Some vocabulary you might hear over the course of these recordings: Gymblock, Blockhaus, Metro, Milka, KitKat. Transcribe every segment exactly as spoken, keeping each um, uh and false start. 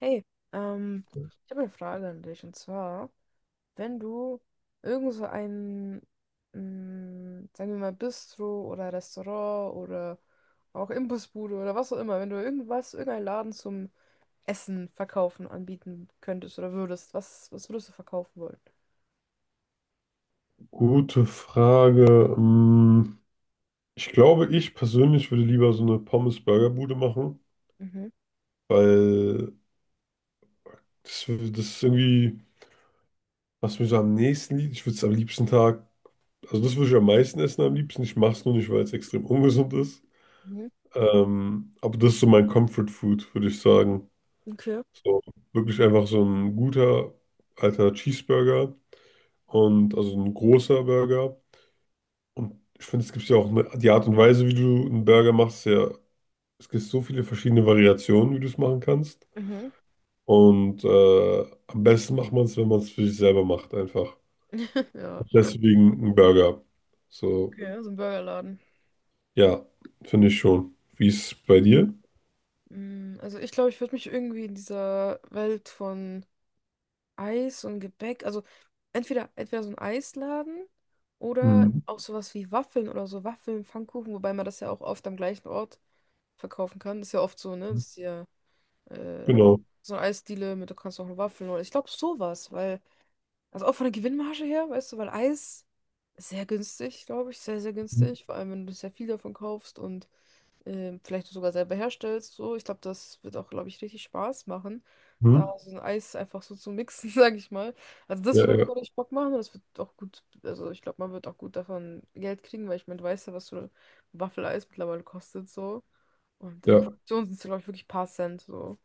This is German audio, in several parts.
Hey, ähm, ich habe eine Frage an dich, und zwar, wenn du irgend so ein, mh, sagen wir mal, Bistro oder Restaurant oder auch Imbissbude oder was auch immer, wenn du irgendwas, irgendeinen Laden zum Essen verkaufen, anbieten könntest oder würdest, was, was würdest du verkaufen wollen? Gute Frage. Ähm, Ich glaube, ich persönlich würde lieber so eine Pommes-Burger-Bude machen, Mhm. weil das, das ist irgendwie, was mir so am nächsten liegt. Ich würde es am liebsten Tag, also das würde ich am meisten essen am liebsten. Ich mache es nur nicht, weil es extrem ungesund ist. Mhm. Ähm, aber das ist so mein Comfort-Food, würde ich sagen. Okay. So wirklich einfach so ein guter alter Cheeseburger und also ein großer Burger. Und ich finde, es gibt ja auch eine, die Art und Weise, wie du einen Burger machst, ist ja. Es gibt so viele verschiedene Variationen, wie du es machen kannst. Mhm. Und äh, am besten macht man es, wenn man es für sich selber macht, einfach. Ja, schon. Deswegen ein Burger. So, Okay, so ein Burgerladen. ja, finde ich schon. Wie ist es bei dir? Mm, Also ich glaube, ich würde mich irgendwie in dieser Welt von Eis und Gebäck, also entweder, entweder so ein Eisladen oder Mhm. auch sowas wie Waffeln oder so, Waffeln, Pfannkuchen, wobei man das ja auch oft am gleichen Ort verkaufen kann. Das ist ja oft so, ne? Das ist ja äh, Genau. so eine Eisdiele mit, du kannst auch Waffeln oder ich glaube sowas, weil, also auch von der Gewinnmarge her, weißt du, weil Eis ist sehr günstig, glaube ich, sehr, sehr günstig, vor allem wenn du sehr viel davon kaufst und ähm, vielleicht sogar selber herstellst. So, ich glaube, das wird auch, glaube ich, richtig Spaß machen, da Mhm. so ein Eis einfach so zu mixen, sage ich mal. Also das Ja, wird auch, ja, glaube ich, Bock machen, und das wird auch gut, also ich glaube, man wird auch gut davon Geld kriegen, weil ich meine, du weißt ja, was so ein Waffeleis mittlerweile kostet, so. Und in der ja. Produktion sind es, glaube ich, wirklich ein paar Cent, so.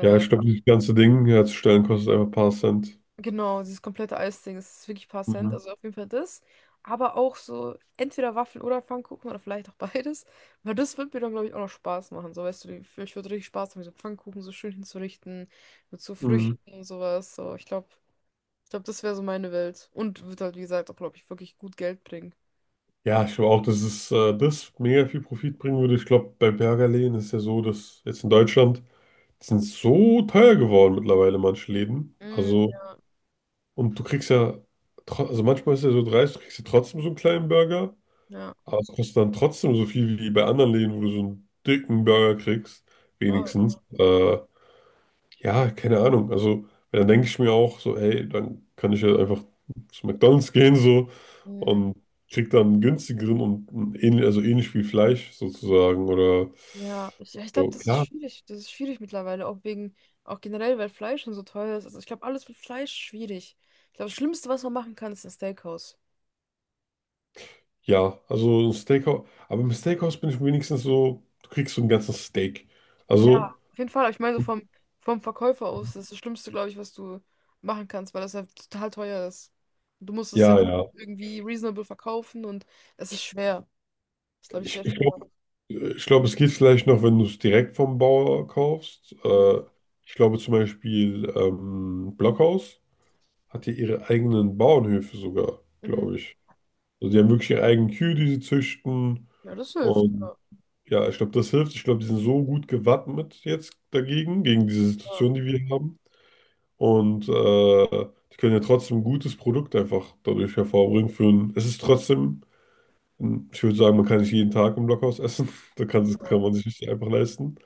Ja, ich glaube, das ganze Ding herzustellen kostet einfach ein paar Cent. Genau, dieses komplette Eisding, das ist wirklich ein paar Cent. Mhm. Also auf jeden Fall das. Aber auch so entweder Waffeln oder Pfannkuchen oder vielleicht auch beides. Weil das wird mir dann, glaube ich, auch noch Spaß machen. So, weißt du, die- ich würde richtig Spaß haben, so Pfannkuchen so schön hinzurichten, mit so Mhm. Früchten und sowas. So, ich glaube, ich glaube, das wäre so meine Welt. Und wird halt, wie gesagt, auch, glaube ich, wirklich gut Geld bringen. Ja, ich glaube auch, dass es äh, das mega viel Profit bringen würde. Ich glaube, bei Burgerläden ist ja so, dass jetzt in Deutschland die sind so teuer geworden mittlerweile manche Läden. Mm, Also, ja. und du kriegst ja, tro- also manchmal ist er so dreist, du kriegst ja trotzdem so einen kleinen Burger, Ja, aber es kostet dann trotzdem so viel wie bei anderen Läden, wo du so einen dicken Burger kriegst, wow. wenigstens. Äh, ja, keine Ahnung. Also, weil dann denke ich mir auch so, hey, dann kann ich ja einfach zu McDonald's gehen so, Mm. und krieg dann einen günstigeren und einen ähnlich, also ähnlich viel Fleisch sozusagen oder Ja, ich, ja, ich glaube, so. das ist Klar. schwierig. Das ist schwierig mittlerweile, auch wegen, auch generell, weil Fleisch schon so teuer ist. Also ich glaube, alles mit Fleisch schwierig. Ich glaube, das Schlimmste, was man machen kann, ist ein Steakhouse. Ja, also ein Steakhouse, aber im Steakhouse bin ich wenigstens so, du kriegst so ein ganzes Steak. Ja, Also, auf jeden Fall. Aber ich meine, so vom, vom Verkäufer aus, das ist das Schlimmste, glaube ich, was du machen kannst, weil das halt total teuer ist. Du musst es ja, jetzt ja. irgendwie reasonable verkaufen, und es ist schwer. Das ist, glaube ich, sehr Ich, ich schwer. glaube, ich glaub, es geht vielleicht noch, wenn du es direkt vom Bauer kaufst. Äh, Mhm. ich glaube zum Beispiel ähm, Blockhaus hat ja ihre eigenen Bauernhöfe sogar, Mhm. glaube ich. Also die haben wirklich ihre eigenen Kühe, die sie züchten. Ja, das hilft. Und Ja, ja, ich glaube, das hilft. Ich glaube, die sind so gut gewappnet jetzt dagegen, gegen diese ja, Situation, die wir haben. Und äh, die können ja trotzdem ein gutes Produkt einfach dadurch hervorbringen. Für ein, es ist trotzdem. Ähm, Ich würde sagen, man kann nicht jeden Tag im Blockhaus essen. Da kann, das kann ja. man sich nicht einfach leisten.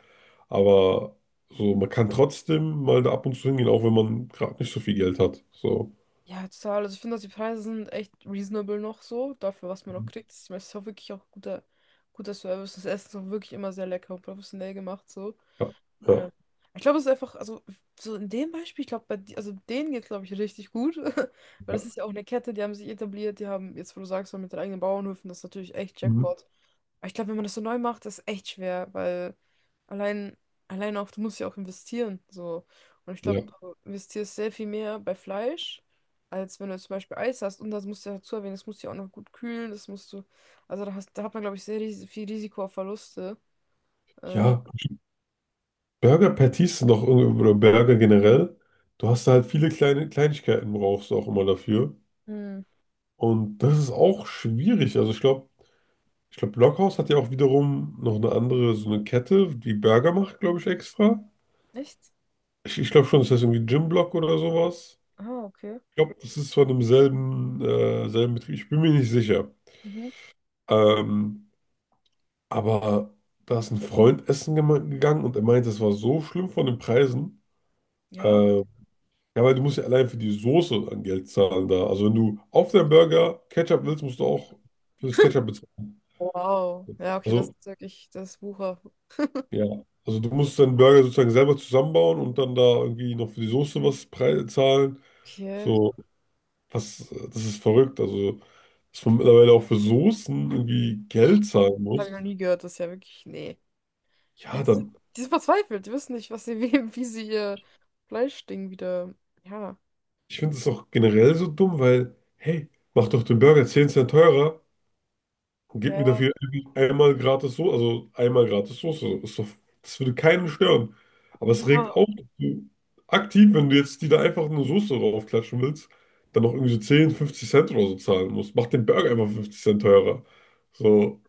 Aber so, man kann trotzdem mal da ab und zu hingehen, auch wenn man gerade nicht so viel Geld hat. So, Ja, total. Also ich finde, dass die Preise sind echt reasonable noch so, dafür, was man noch kriegt. Ich meine, es ist auch wirklich auch guter, guter Service. Das Essen ist auch wirklich immer sehr lecker und professionell gemacht so. ja, Äh, ja, ich glaube, es ist einfach, also so in dem Beispiel, ich glaube, bei die- also denen geht es, glaube ich, richtig gut. Weil ja. das ist ja auch eine Kette, die haben sich etabliert, die haben, jetzt wo du sagst, so mit den eigenen Bauernhöfen, das ist natürlich echt Mhm. Jackpot. Aber ich glaube, wenn man das so neu macht, ist echt schwer, weil allein, allein auch, du musst ja auch investieren. So. Und ich glaube, Ja, du investierst sehr viel mehr bei Fleisch, als wenn du zum Beispiel Eis hast. Und das musst du ja dazu erwähnen, das musst du ja auch noch gut kühlen, das musst du. Also da hast, da hat man, glaube ich, sehr ris viel Risiko auf Verluste. Äh, ja. Burger Patties sind doch irgendwie, oder Burger generell. Du hast da halt viele kleine Kleinigkeiten, brauchst du auch immer dafür. hm, Und das ist auch schwierig. Also ich glaube, ich glaube, Blockhaus hat ja auch wiederum noch eine andere, so eine Kette, die Burger macht, glaube ich, extra. echt? Ich, ich glaube schon, das heißt irgendwie Gymblock oder sowas. Ah, okay. Ich glaube, das ist von demselben äh, selben Betrieb. Ich bin mir nicht sicher. Mhm. Ähm, aber da ist ein Freund essen gema- gegangen und er meinte, es war so schlimm von den Preisen. Ja. Äh, ja, weil du musst ja allein für die Soße an Geld zahlen da. Also wenn du auf deinen Burger Ketchup willst, musst du auch für das Ketchup bezahlen. Wow. Ja, okay, das Also, ist wirklich, das ist Wucher. ja. Also du musst deinen Burger sozusagen selber zusammenbauen und dann da irgendwie noch für die Soße was prei- zahlen. Okay. So. Das, das ist verrückt. Also, dass man mittlerweile auch für Soßen irgendwie Geld zahlen Das habe ich noch muss. nie gehört, das ist ja wirklich. Nee. Ja, die Ja, sind, dann, die sind verzweifelt, die wissen nicht, was sie, wie, wie sie ihr Fleischding wieder. Ja. ich finde es auch generell so dumm, weil, hey, mach doch den Burger zehn Cent teurer und Ja, gib mir ja. dafür irgendwie einmal gratis Soße, also einmal gratis Soße. Ist doch, das würde keinen stören. Aber es regt Ja. auf, dass du aktiv, wenn du jetzt die da einfach eine Soße draufklatschen willst, dann noch irgendwie so zehn, fünfzig Cent oder so zahlen musst. Mach den Burger einfach fünfzig Cent teurer. So,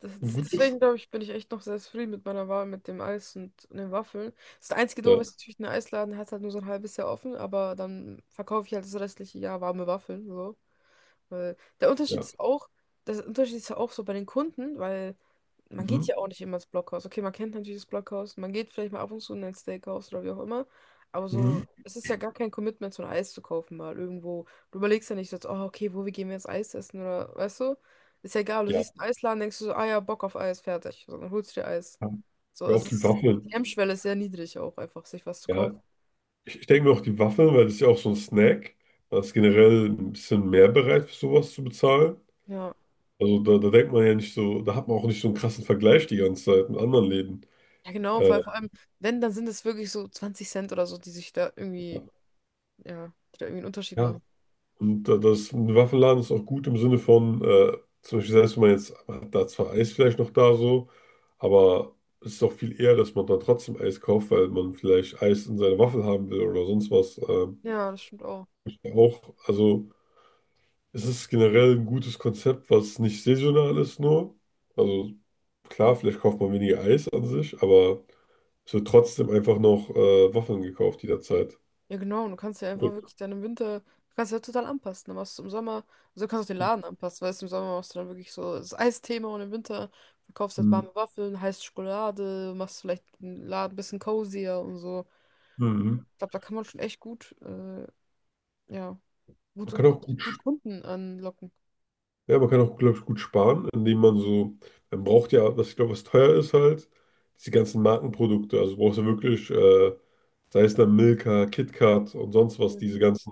Das, und das, gut Deswegen ist. glaube ich, bin ich echt noch sehr zufrieden mit meiner Wahl mit dem Eis und, und den Waffeln. Das einzige Doofe Ja, ist natürlich, ein Eisladen hat halt nur so ein halbes Jahr offen, aber dann verkaufe ich halt das restliche Jahr warme Waffeln. So. Weil der Unterschied ja. ist auch, der Unterschied ist ja auch so bei den Kunden, weil man geht Mhm. ja auch nicht immer ins Blockhaus. Okay, man kennt natürlich das Blockhaus, man geht vielleicht mal ab und zu in ein Steakhouse oder wie auch immer, aber Mhm. so, es ist ja gar kein Commitment, so ein Eis zu kaufen mal irgendwo. Du überlegst ja nicht so, jetzt, oh, okay, wo, wie gehen wir jetzt Eis essen, oder, weißt du? Ist ja egal, du Ja, siehst einen Eisladen, denkst du so, ah ja, Bock auf Eis, fertig. So, dann holst du dir Eis. ja. So, Oder es auch die ist, die Waffeln. Hemmschwelle ist sehr niedrig auch einfach, sich was zu kaufen. Ja, ich, ich denke mir auch die Waffeln, weil das ist ja auch so ein Snack. Da ist generell ein bisschen mehr bereit, für sowas zu bezahlen. Ja, Also da, da denkt man ja nicht so, da hat man auch nicht so einen krassen Vergleich die ganze Zeit mit anderen Läden. ja genau, Äh, vor vor allem, wenn, dann sind es wirklich so zwanzig Cent oder so, die sich da irgendwie, ja, die da irgendwie einen Unterschied ja, machen. und äh, das ein Waffenladen ist auch gut im Sinne von, äh, zum Beispiel selbst wenn man jetzt, man hat da zwar Eis vielleicht noch da so, aber es ist auch viel eher, dass man da trotzdem Eis kauft, weil man vielleicht Eis in seine Waffel haben will oder sonst was. Äh, Ja, das stimmt auch. auch, also. Es ist generell ein gutes Konzept, was nicht saisonal ist nur. Also klar, vielleicht kauft man weniger Eis an sich, aber es wird trotzdem einfach noch äh, Waffeln gekauft jederzeit. Ja, genau. Und du kannst ja einfach wirklich dann im Winter, du kannst ja total anpassen. Dann machst du im Sommer, also du kannst auch den Laden anpassen, weißt du, im Sommer machst du dann wirklich so das Eisthema, und im Winter verkaufst du halt Mhm. warme Waffeln, heiße Schokolade, machst vielleicht den Laden ein bisschen cozier und so. Mhm. Ich glaube, da kann man schon echt gut, äh, ja, Man gut, kann gut, auch gut, gut sch- Kunden anlocken. ja, man kann auch, glaube ich, gut sparen, indem man so, man braucht ja, was ich glaube, was teuer ist halt, diese ganzen Markenprodukte. Also du brauchst ja wirklich, äh, sei es dann Milka, KitKat und sonst was, diese Mhm. ganzen,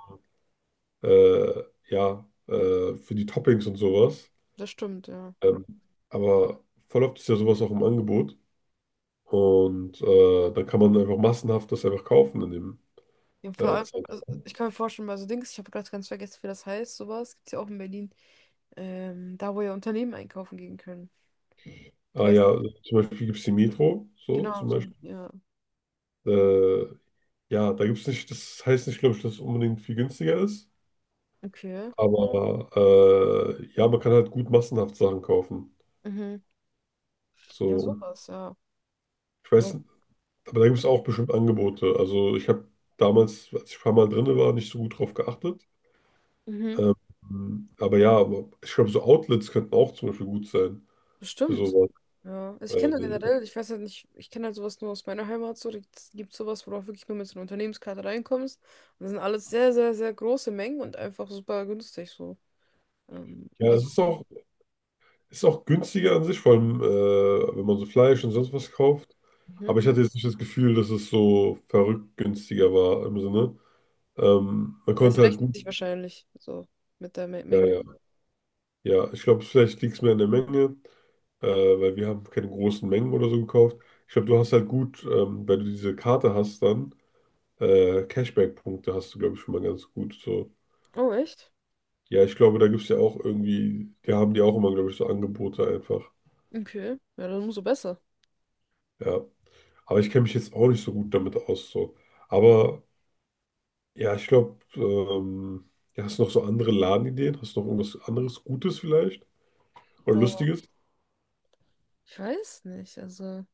äh, ja, äh, für die Toppings und sowas. Das stimmt, ja. Ähm, aber voll oft ist ja sowas auch im Angebot. Und äh, dann kann man einfach massenhaft das einfach kaufen in dem Ja, vor äh, allem, also Zeitraum. ich kann mir vorstellen, bei so Dings, ich habe gerade ganz vergessen, wie das heißt, sowas, gibt es ja auch in Berlin. Ähm, da wo ja Unternehmen einkaufen gehen können. Du Ah weißt, ja, zum Beispiel gibt es die Metro, so genau, zum so Beispiel. ein, ja, Äh, ja, da gibt es nicht, das heißt nicht, glaube ich, dass es unbedingt viel günstiger ist. okay. Aber äh, ja, man kann halt gut massenhaft Sachen kaufen. Mhm. So, Ja, und sowas, ja. ich weiß, Ja. n- aber da gibt es auch bestimmt Angebote. Also ich habe damals, als ich ein paar Mal drin war, nicht so gut drauf geachtet. Mhm. Ähm, aber ja, aber ich glaube, so Outlets könnten auch zum Beispiel gut sein für Bestimmt. sowas. Ja. Also ich Weil, kenne da äh, generell, ich weiß halt nicht, ich kenne halt sowas nur aus meiner Heimat, so, da gibt sowas, wo du auch wirklich nur mit so einer Unternehmenskarte reinkommst. Und das sind alles sehr, sehr, sehr große Mengen und einfach super günstig so. Ähm, ja, es Also, ist auch, es ist auch günstiger an sich, vor allem äh, wenn man so Fleisch und sonst was kauft. mhm. Aber ich hatte jetzt nicht das Gefühl, dass es so verrückt günstiger war im Sinne. Ähm, man Ja, es konnte halt rechnet gut. sich wahrscheinlich so mit der Me Ja, Menge. ja, ja. Ich glaube, vielleicht liegt es mehr an der Menge, äh, weil wir haben keine großen Mengen oder so gekauft. Ich glaube, du hast halt gut, ähm, wenn du diese Karte hast, dann äh, Cashback-Punkte hast du, glaube ich, schon mal ganz gut. So. Oh, echt? Ja, ich glaube, da gibt es ja auch irgendwie, die haben die auch immer, glaube ich, so Angebote einfach. Okay. Ja, dann umso besser. Ja. Aber ich kenne mich jetzt auch nicht so gut damit aus. So. Aber ja, ich glaube, ähm, ja, hast du noch so andere Ladenideen? Hast du noch irgendwas anderes Gutes vielleicht? Oder Boah, Lustiges? ich weiß nicht, also.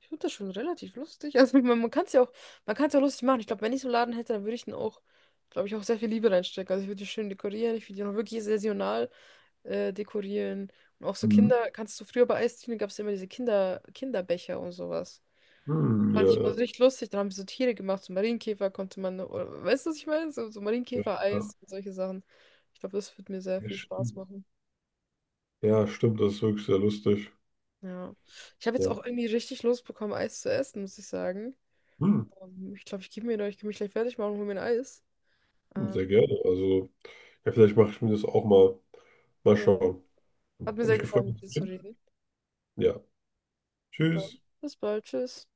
Ich finde das schon relativ lustig. Also man, man kann es ja auch, man kann es ja lustig machen. Ich glaube, wenn ich so einen Laden hätte, dann würde ich den auch, glaube ich, auch sehr viel Liebe reinstecken. Also ich würde die schön dekorieren, ich würde die auch wirklich saisonal äh, dekorieren. Und auch so Hm, Kinder, kannst du früher bei Eisdielen, gab es immer diese Kinder, Kinderbecher und sowas. hm, Fand ja, ich immer so richtig lustig. Dann haben sie so Tiere gemacht, so Marienkäfer konnte man, oder, weißt du, was ich meine? So, so ja, ja, ja, Marienkäfer-Eis und solche Sachen. Ich glaube, das wird mir sehr ja, viel Spaß stimmt. machen. Ja, stimmt, das ist wirklich sehr lustig. Ja. Ich habe jetzt Ja. auch irgendwie richtig Lust bekommen, Eis zu essen, muss ich sagen. Hm, Ähm, ich glaube, ich gebe mir noch, ich kann mich gleich fertig machen und hol mir ein Eis. Ähm, sehr gerne. Also, ja, vielleicht mache ich mir das auch mal. Mal ja. schauen. Hat mir Hab mich sehr gefreut, gefallen, mit mit dir dir zu zu reden. reden. Ja. Dann, Tschüss. bis bald, tschüss.